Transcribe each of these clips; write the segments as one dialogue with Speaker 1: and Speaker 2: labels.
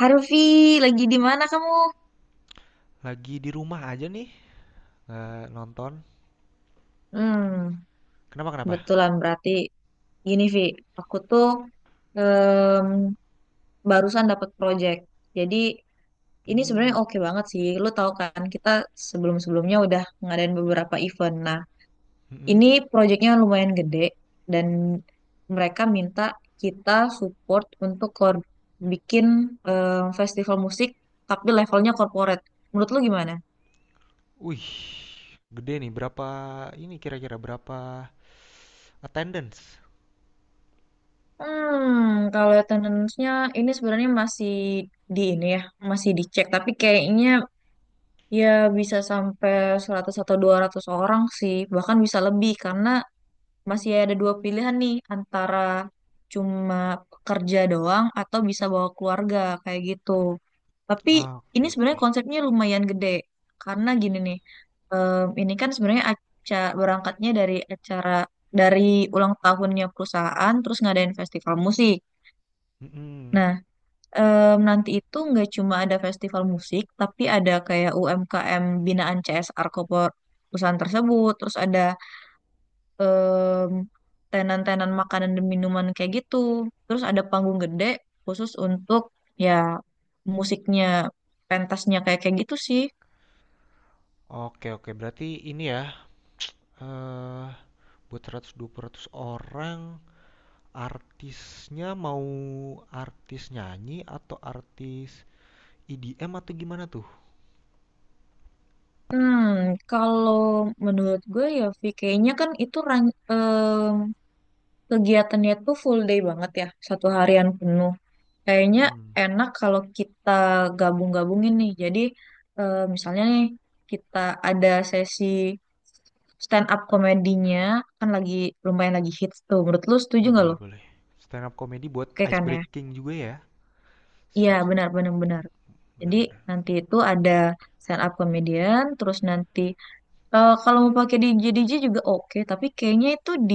Speaker 1: Harvey, lagi di mana kamu?
Speaker 2: Lagi di rumah aja nih, nggak nonton.
Speaker 1: Hmm,
Speaker 2: Kenapa kenapa?
Speaker 1: kebetulan berarti gini, Vi. Aku tuh em, barusan dapat project. Jadi ini
Speaker 2: Hmm.
Speaker 1: sebenarnya oke banget sih. Lu tahu kan kita sebelum-sebelumnya udah ngadain beberapa event. Nah, ini
Speaker 2: Mm-mm.
Speaker 1: projectnya lumayan gede dan mereka minta kita support untuk bikin festival musik tapi levelnya corporate. Menurut lu gimana?
Speaker 2: Wih, gede nih. Berapa ini kira-kira berapa attendance?
Speaker 1: Kalau attendance-nya ini sebenarnya masih di ini ya, masih dicek. Tapi kayaknya ya bisa sampai 100 atau 200 orang sih, bahkan bisa lebih karena masih ada dua pilihan nih antara cuma kerja doang atau bisa bawa keluarga kayak gitu. Tapi
Speaker 2: Ah,
Speaker 1: ini
Speaker 2: oke oke.
Speaker 1: sebenarnya konsepnya lumayan gede karena gini nih, ini kan sebenarnya acara berangkatnya dari acara dari ulang tahunnya perusahaan, terus ngadain festival musik.
Speaker 2: Mm-mm.
Speaker 1: Nah, nanti itu nggak cuma ada festival musik, tapi ada kayak UMKM binaan CSR Kopor perusahaan tersebut. Terus ada em, tenan-tenan makanan dan minuman kayak gitu. Terus ada panggung gede khusus untuk ya musiknya, pentasnya kayak kayak gitu sih.
Speaker 2: Oke oke, berarti ini ya. eh Buat 100-200 orang, artisnya mau artis nyanyi atau artis EDM atau gimana tuh?
Speaker 1: Hmm, kalau menurut gue ya, Vi, kayaknya kan itu kegiatannya tuh full day banget ya, satu harian penuh. Kayaknya
Speaker 2: Mm-mm.
Speaker 1: enak kalau kita gabung-gabungin nih. Jadi misalnya nih kita ada sesi stand up komedinya kan lagi lumayan lagi hits tuh. Menurut lu setuju nggak
Speaker 2: Boleh
Speaker 1: lo?
Speaker 2: boleh. Stand up comedy buat
Speaker 1: Oke
Speaker 2: ice
Speaker 1: kan ya?
Speaker 2: breaking juga ya.
Speaker 1: Iya
Speaker 2: Siap siap.
Speaker 1: benar benar benar.
Speaker 2: Bener
Speaker 1: Jadi
Speaker 2: bener.
Speaker 1: nanti itu ada stand up comedian, terus nanti kalau mau pakai DJ DJ juga oke. Tapi kayaknya itu di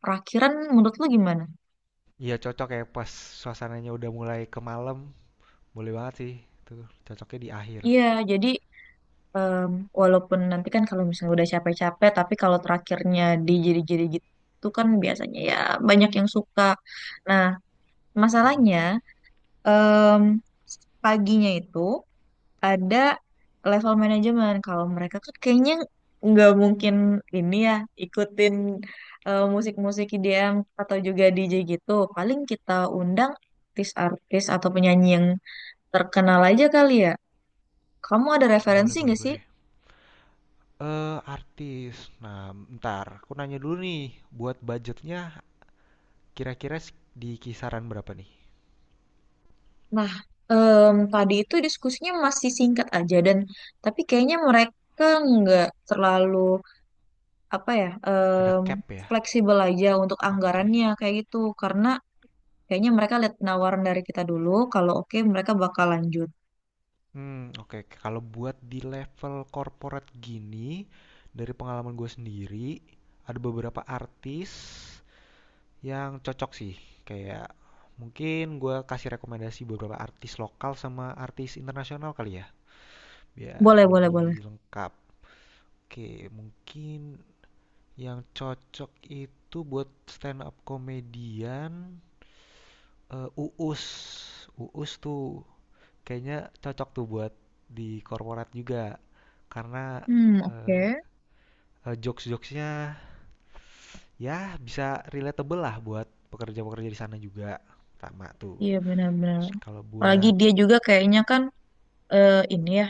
Speaker 1: perakhiran menurut lu gimana?
Speaker 2: Iya cocok ya pas suasananya udah mulai ke malam, boleh banget sih. Tuh, cocoknya di akhir.
Speaker 1: Iya jadi Em, walaupun nanti kan kalau misalnya udah capek-capek, tapi kalau terakhirnya dijadi-jadi gitu kan biasanya ya banyak yang suka. Nah, masalahnya
Speaker 2: Mm-mm.
Speaker 1: em, paginya itu ada level manajemen. Kalau mereka kan kayaknya nggak mungkin ini ya ikutin musik-musik IDM atau juga DJ gitu. Paling kita undang artis-artis atau penyanyi yang terkenal aja kali ya. Kamu ada
Speaker 2: Boleh,
Speaker 1: referensi
Speaker 2: boleh,
Speaker 1: nggak sih?
Speaker 2: boleh. Eh, artis. Nah, ntar aku nanya dulu nih, buat budgetnya kira-kira di kisaran berapa nih?
Speaker 1: Nah, tadi itu diskusinya masih singkat aja dan tapi kayaknya mereka nggak terlalu apa ya
Speaker 2: Ada cap ya?
Speaker 1: fleksibel aja untuk anggarannya
Speaker 2: Oke.
Speaker 1: kayak gitu karena kayaknya mereka lihat penawaran dari kita dulu kalau oke mereka bakal lanjut.
Speaker 2: Hmm, oke. Kalau buat di level corporate gini, dari pengalaman gue sendiri, ada beberapa artis yang cocok sih, kayak mungkin gue kasih rekomendasi beberapa artis lokal sama artis internasional kali ya biar
Speaker 1: Boleh, boleh, boleh.
Speaker 2: lebih lengkap. Oke, mungkin yang cocok itu buat stand up komedian, Uus. Uus kayaknya cocok tuh buat di korporat juga karena
Speaker 1: Hmm,
Speaker 2: eh,
Speaker 1: oke.
Speaker 2: jokes-jokesnya ya bisa relatable lah buat pekerja-pekerja di sana juga. Sama tuh,
Speaker 1: Iya benar-benar.
Speaker 2: terus kalau
Speaker 1: Apalagi
Speaker 2: buat.
Speaker 1: dia juga kayaknya kan ini ya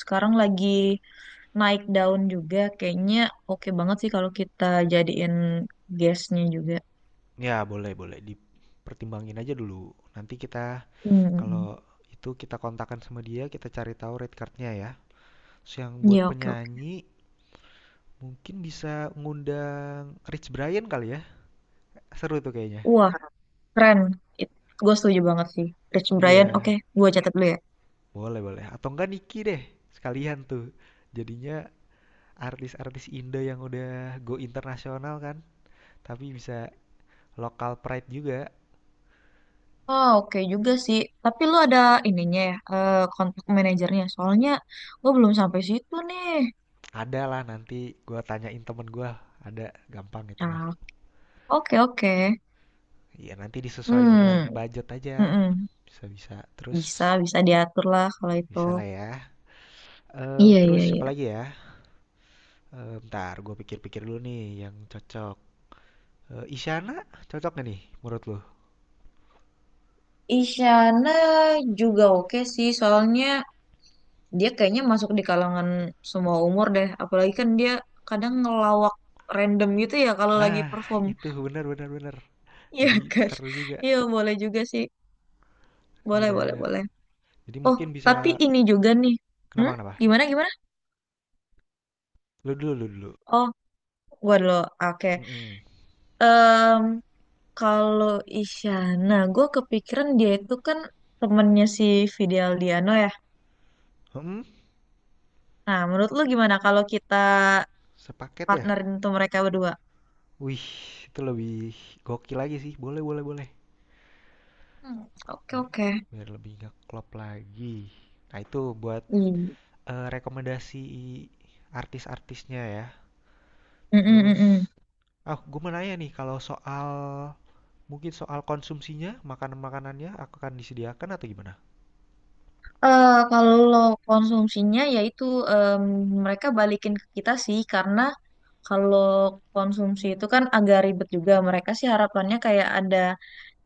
Speaker 1: sekarang lagi naik daun juga kayaknya oke banget sih kalau kita jadiin guestnya juga.
Speaker 2: Ya, boleh, boleh. Dipertimbangin aja dulu. Nanti kita,
Speaker 1: Hmm.
Speaker 2: kalau itu kita kontakkan sama dia, kita cari tahu rate cardnya ya. Terus yang buat
Speaker 1: Iya, oke, oke.
Speaker 2: penyanyi, mungkin bisa ngundang Rich Brian kali ya. Seru tuh kayaknya.
Speaker 1: Wah, keren. It, gue setuju banget sih. Rich Brian,
Speaker 2: Iya,
Speaker 1: oke, gue catat dulu ya.
Speaker 2: boleh, boleh. Atau enggak Niki deh, sekalian tuh. Jadinya artis-artis Indo yang udah go internasional kan. Tapi bisa lokal pride juga.
Speaker 1: Oh, oke juga sih. Tapi lu ada ininya ya, kontak manajernya. Soalnya gue belum sampai situ nih.
Speaker 2: Ada lah nanti gua tanyain temen gua. Ada, gampang itu mah.
Speaker 1: Nah, oke, oke.
Speaker 2: Ya nanti disesuaikan dengan
Speaker 1: Hmm,
Speaker 2: budget aja.
Speaker 1: mm-mm.
Speaker 2: Bisa bisa. Terus
Speaker 1: Bisa, bisa diatur lah kalau itu.
Speaker 2: bisa lah ya. Eh
Speaker 1: Iya,
Speaker 2: terus
Speaker 1: iya, iya.
Speaker 2: siapa lagi ya? Eh bentar gue pikir-pikir dulu nih yang cocok. Eh Isyana cocok gak nih menurut lo?
Speaker 1: Isyana juga oke sih, soalnya dia kayaknya masuk di kalangan semua umur deh. Apalagi kan dia kadang ngelawak random gitu ya kalau lagi
Speaker 2: Nah
Speaker 1: perform.
Speaker 2: itu benar benar benar.
Speaker 1: Iya
Speaker 2: Jadi
Speaker 1: kan?
Speaker 2: seru juga.
Speaker 1: Iya boleh juga sih.
Speaker 2: Iya.
Speaker 1: Boleh, boleh,
Speaker 2: Yeah.
Speaker 1: boleh.
Speaker 2: Jadi
Speaker 1: Oh,
Speaker 2: mungkin
Speaker 1: tapi
Speaker 2: bisa.
Speaker 1: ini juga nih.
Speaker 2: Kenapa
Speaker 1: Hmm?
Speaker 2: kenapa?
Speaker 1: Gimana, gimana?
Speaker 2: Lu dulu lu dulu.
Speaker 1: Oh, gua dulu. Oke.
Speaker 2: Hmm. Mm.
Speaker 1: Em, kalau Isyana, gue kepikiran dia itu kan temennya si Fidel Diano ya. Nah, menurut lu gimana kalau kita
Speaker 2: Sepaket ya?
Speaker 1: partnerin tuh mereka berdua?
Speaker 2: Wih itu lebih gokil lagi sih. Boleh boleh boleh.
Speaker 1: Hmm, oke, oke.
Speaker 2: Biar lebih ngeklop lagi. Nah itu buat
Speaker 1: Hmm.
Speaker 2: rekomendasi artis-artisnya ya. Terus,
Speaker 1: Mm-mm-mm.
Speaker 2: ah, gue mau nanya nih, kalau soal mungkin soal konsumsinya, makanan-makanannya akan disediakan atau gimana?
Speaker 1: Kalau konsumsinya yaitu em, mereka balikin ke kita sih karena kalau konsumsi itu kan agak ribet juga. Mereka sih harapannya kayak ada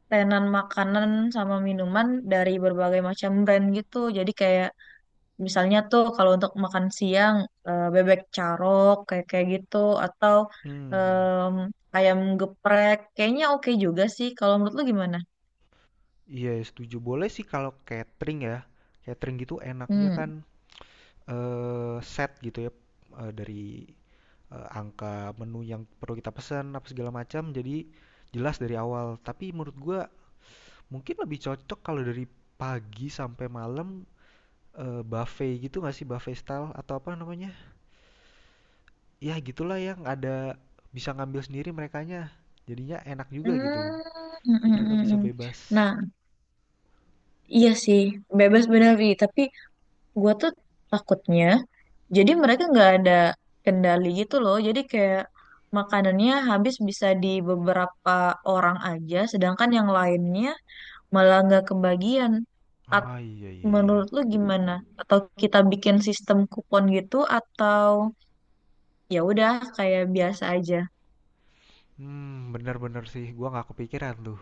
Speaker 1: tenan makanan sama minuman dari berbagai macam brand gitu. Jadi kayak misalnya tuh kalau untuk makan siang bebek carok kayak kayak gitu atau
Speaker 2: Hmm,
Speaker 1: em, ayam geprek kayaknya oke juga sih. Kalau menurut lu gimana?
Speaker 2: iya setuju. Boleh sih kalau catering ya. Catering gitu enaknya kan
Speaker 1: Hmm.
Speaker 2: set gitu ya, eh, dari angka menu yang perlu kita pesan apa segala macam. Jadi jelas dari awal. Tapi menurut gua mungkin lebih cocok kalau dari pagi sampai malam, buffet gitu nggak sih, buffet style atau apa namanya? Ya gitulah, yang ada bisa ngambil sendiri merekanya, jadinya enak juga gitu.
Speaker 1: Hmm, hmm,
Speaker 2: Mereka
Speaker 1: hmm,
Speaker 2: bisa
Speaker 1: hmm.
Speaker 2: bebas.
Speaker 1: Nah, iya sih, bebas benar Wi. Tapi gue tuh takutnya, jadi mereka nggak ada kendali gitu loh. Jadi kayak makanannya habis bisa di beberapa orang aja, sedangkan yang lainnya malah nggak kebagian. At-
Speaker 2: Ah iya iya iya.
Speaker 1: menurut lu gimana? Atau kita bikin sistem kupon gitu, atau ya udah kayak biasa aja?
Speaker 2: Hmm bener bener sih, gua nggak kepikiran tuh.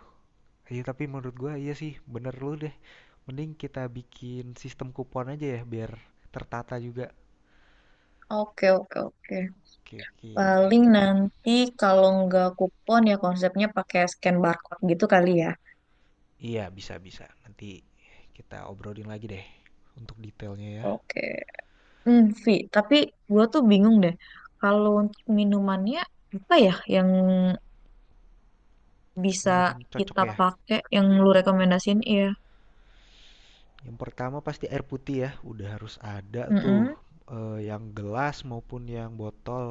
Speaker 2: Iya tapi menurut gua iya sih, bener lu deh, mending kita bikin sistem kupon aja ya biar tertata juga.
Speaker 1: Oke, oke, oke.
Speaker 2: Oke oke.
Speaker 1: Paling nanti kalau nggak kupon ya konsepnya pakai scan barcode gitu kali ya.
Speaker 2: Iya bisa bisa, nanti kita obrolin lagi deh untuk detailnya ya.
Speaker 1: Oke. Vi, tapi gue tuh bingung deh. Kalau untuk minumannya apa ya yang bisa
Speaker 2: Minuman cocok
Speaker 1: kita
Speaker 2: ya.
Speaker 1: pakai yang lu rekomendasiin? Iya.
Speaker 2: Yang pertama pasti air putih ya, udah harus ada tuh,
Speaker 1: Mm-mm,
Speaker 2: yang gelas maupun yang botol,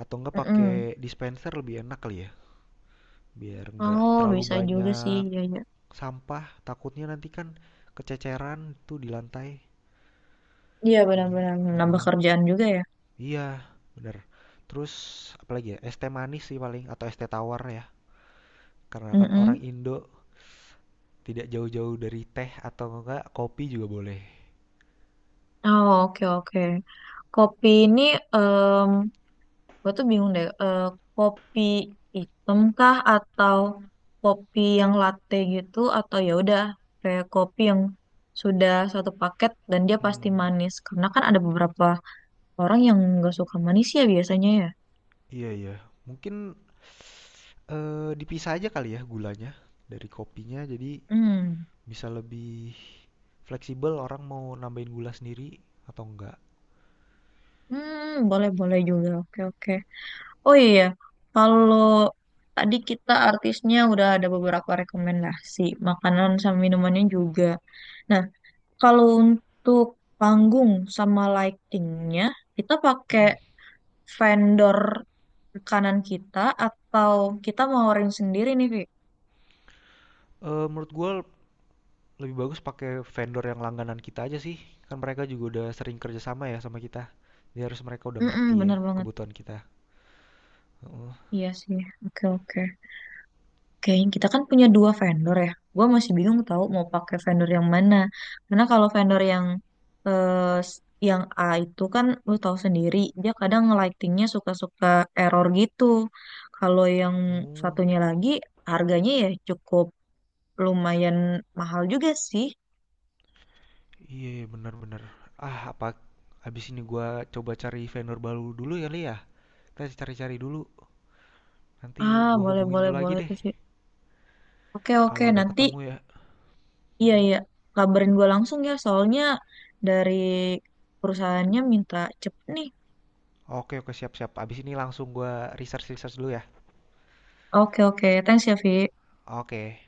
Speaker 2: atau enggak pakai
Speaker 1: mm-mm.
Speaker 2: dispenser lebih enak kali ya, biar enggak
Speaker 1: Oh,
Speaker 2: terlalu
Speaker 1: bisa juga sih.
Speaker 2: banyak
Speaker 1: Iya, iya.
Speaker 2: sampah, takutnya nanti kan kececeran tuh di lantai.
Speaker 1: Iya,
Speaker 2: Iya.
Speaker 1: benar-benar nambah
Speaker 2: Heeh.
Speaker 1: kerjaan juga ya.
Speaker 2: Iya, bener. Terus apalagi ya, es teh manis sih paling atau es teh tawar ya, karena kan orang
Speaker 1: Mm-mm.
Speaker 2: Indo tidak jauh-jauh dari teh, atau enggak kopi juga boleh.
Speaker 1: Oh, oke, oke. Kopi ini Gue tuh bingung deh, kopi hitam kah atau kopi yang latte gitu atau ya udah kayak kopi yang sudah satu paket dan dia pasti
Speaker 2: Hmm,
Speaker 1: manis. Karena kan ada beberapa orang yang nggak suka manis ya biasanya ya.
Speaker 2: iya iya. Mungkin dipisah aja kali ya gulanya dari kopinya, jadi
Speaker 1: Hmm,
Speaker 2: bisa lebih fleksibel orang mau nambahin gula sendiri atau enggak.
Speaker 1: hmm, boleh boleh juga. Oke oke. Oh iya, iya. Kalau tadi kita artisnya udah ada beberapa rekomendasi, makanan sama minumannya juga. Nah, kalau untuk panggung sama lightingnya, kita pakai
Speaker 2: Mhm.
Speaker 1: vendor kanan kita atau kita mau ring sendiri nih, Vi?
Speaker 2: Menurut gue lebih bagus pakai vendor yang langganan kita aja sih, kan mereka juga udah sering kerja sama ya sama kita. Jadi harus mereka udah
Speaker 1: Mm-mm,
Speaker 2: ngerti ya
Speaker 1: bener banget.
Speaker 2: kebutuhan kita. Heeh.
Speaker 1: Iya sih, oke oke. Kayaknya kita kan punya dua vendor ya. Gue masih bingung tahu mau pakai vendor yang mana. Karena kalau vendor yang eh, s- yang A itu kan lu tahu sendiri, dia kadang lightingnya suka-suka error gitu. Kalau yang
Speaker 2: Oh,
Speaker 1: satunya lagi harganya ya cukup lumayan mahal juga sih.
Speaker 2: iya ya, benar bener. Ah, apa abis ini gua coba cari vendor baru dulu kali ya? Kita cari-cari dulu, nanti
Speaker 1: Ah,
Speaker 2: gua
Speaker 1: boleh
Speaker 2: hubungin lu
Speaker 1: boleh
Speaker 2: lagi
Speaker 1: boleh
Speaker 2: deh
Speaker 1: tuh sih. Oke, oke,
Speaker 2: kalau udah
Speaker 1: nanti,
Speaker 2: ketemu ya.
Speaker 1: iya,
Speaker 2: Mhm.
Speaker 1: iya, kabarin gue langsung ya soalnya dari perusahaannya minta cepet nih.
Speaker 2: Oke, oke, siap, siap. Abis ini langsung gue research-research dulu ya.
Speaker 1: Oke oke, thanks ya Vi.
Speaker 2: Oke.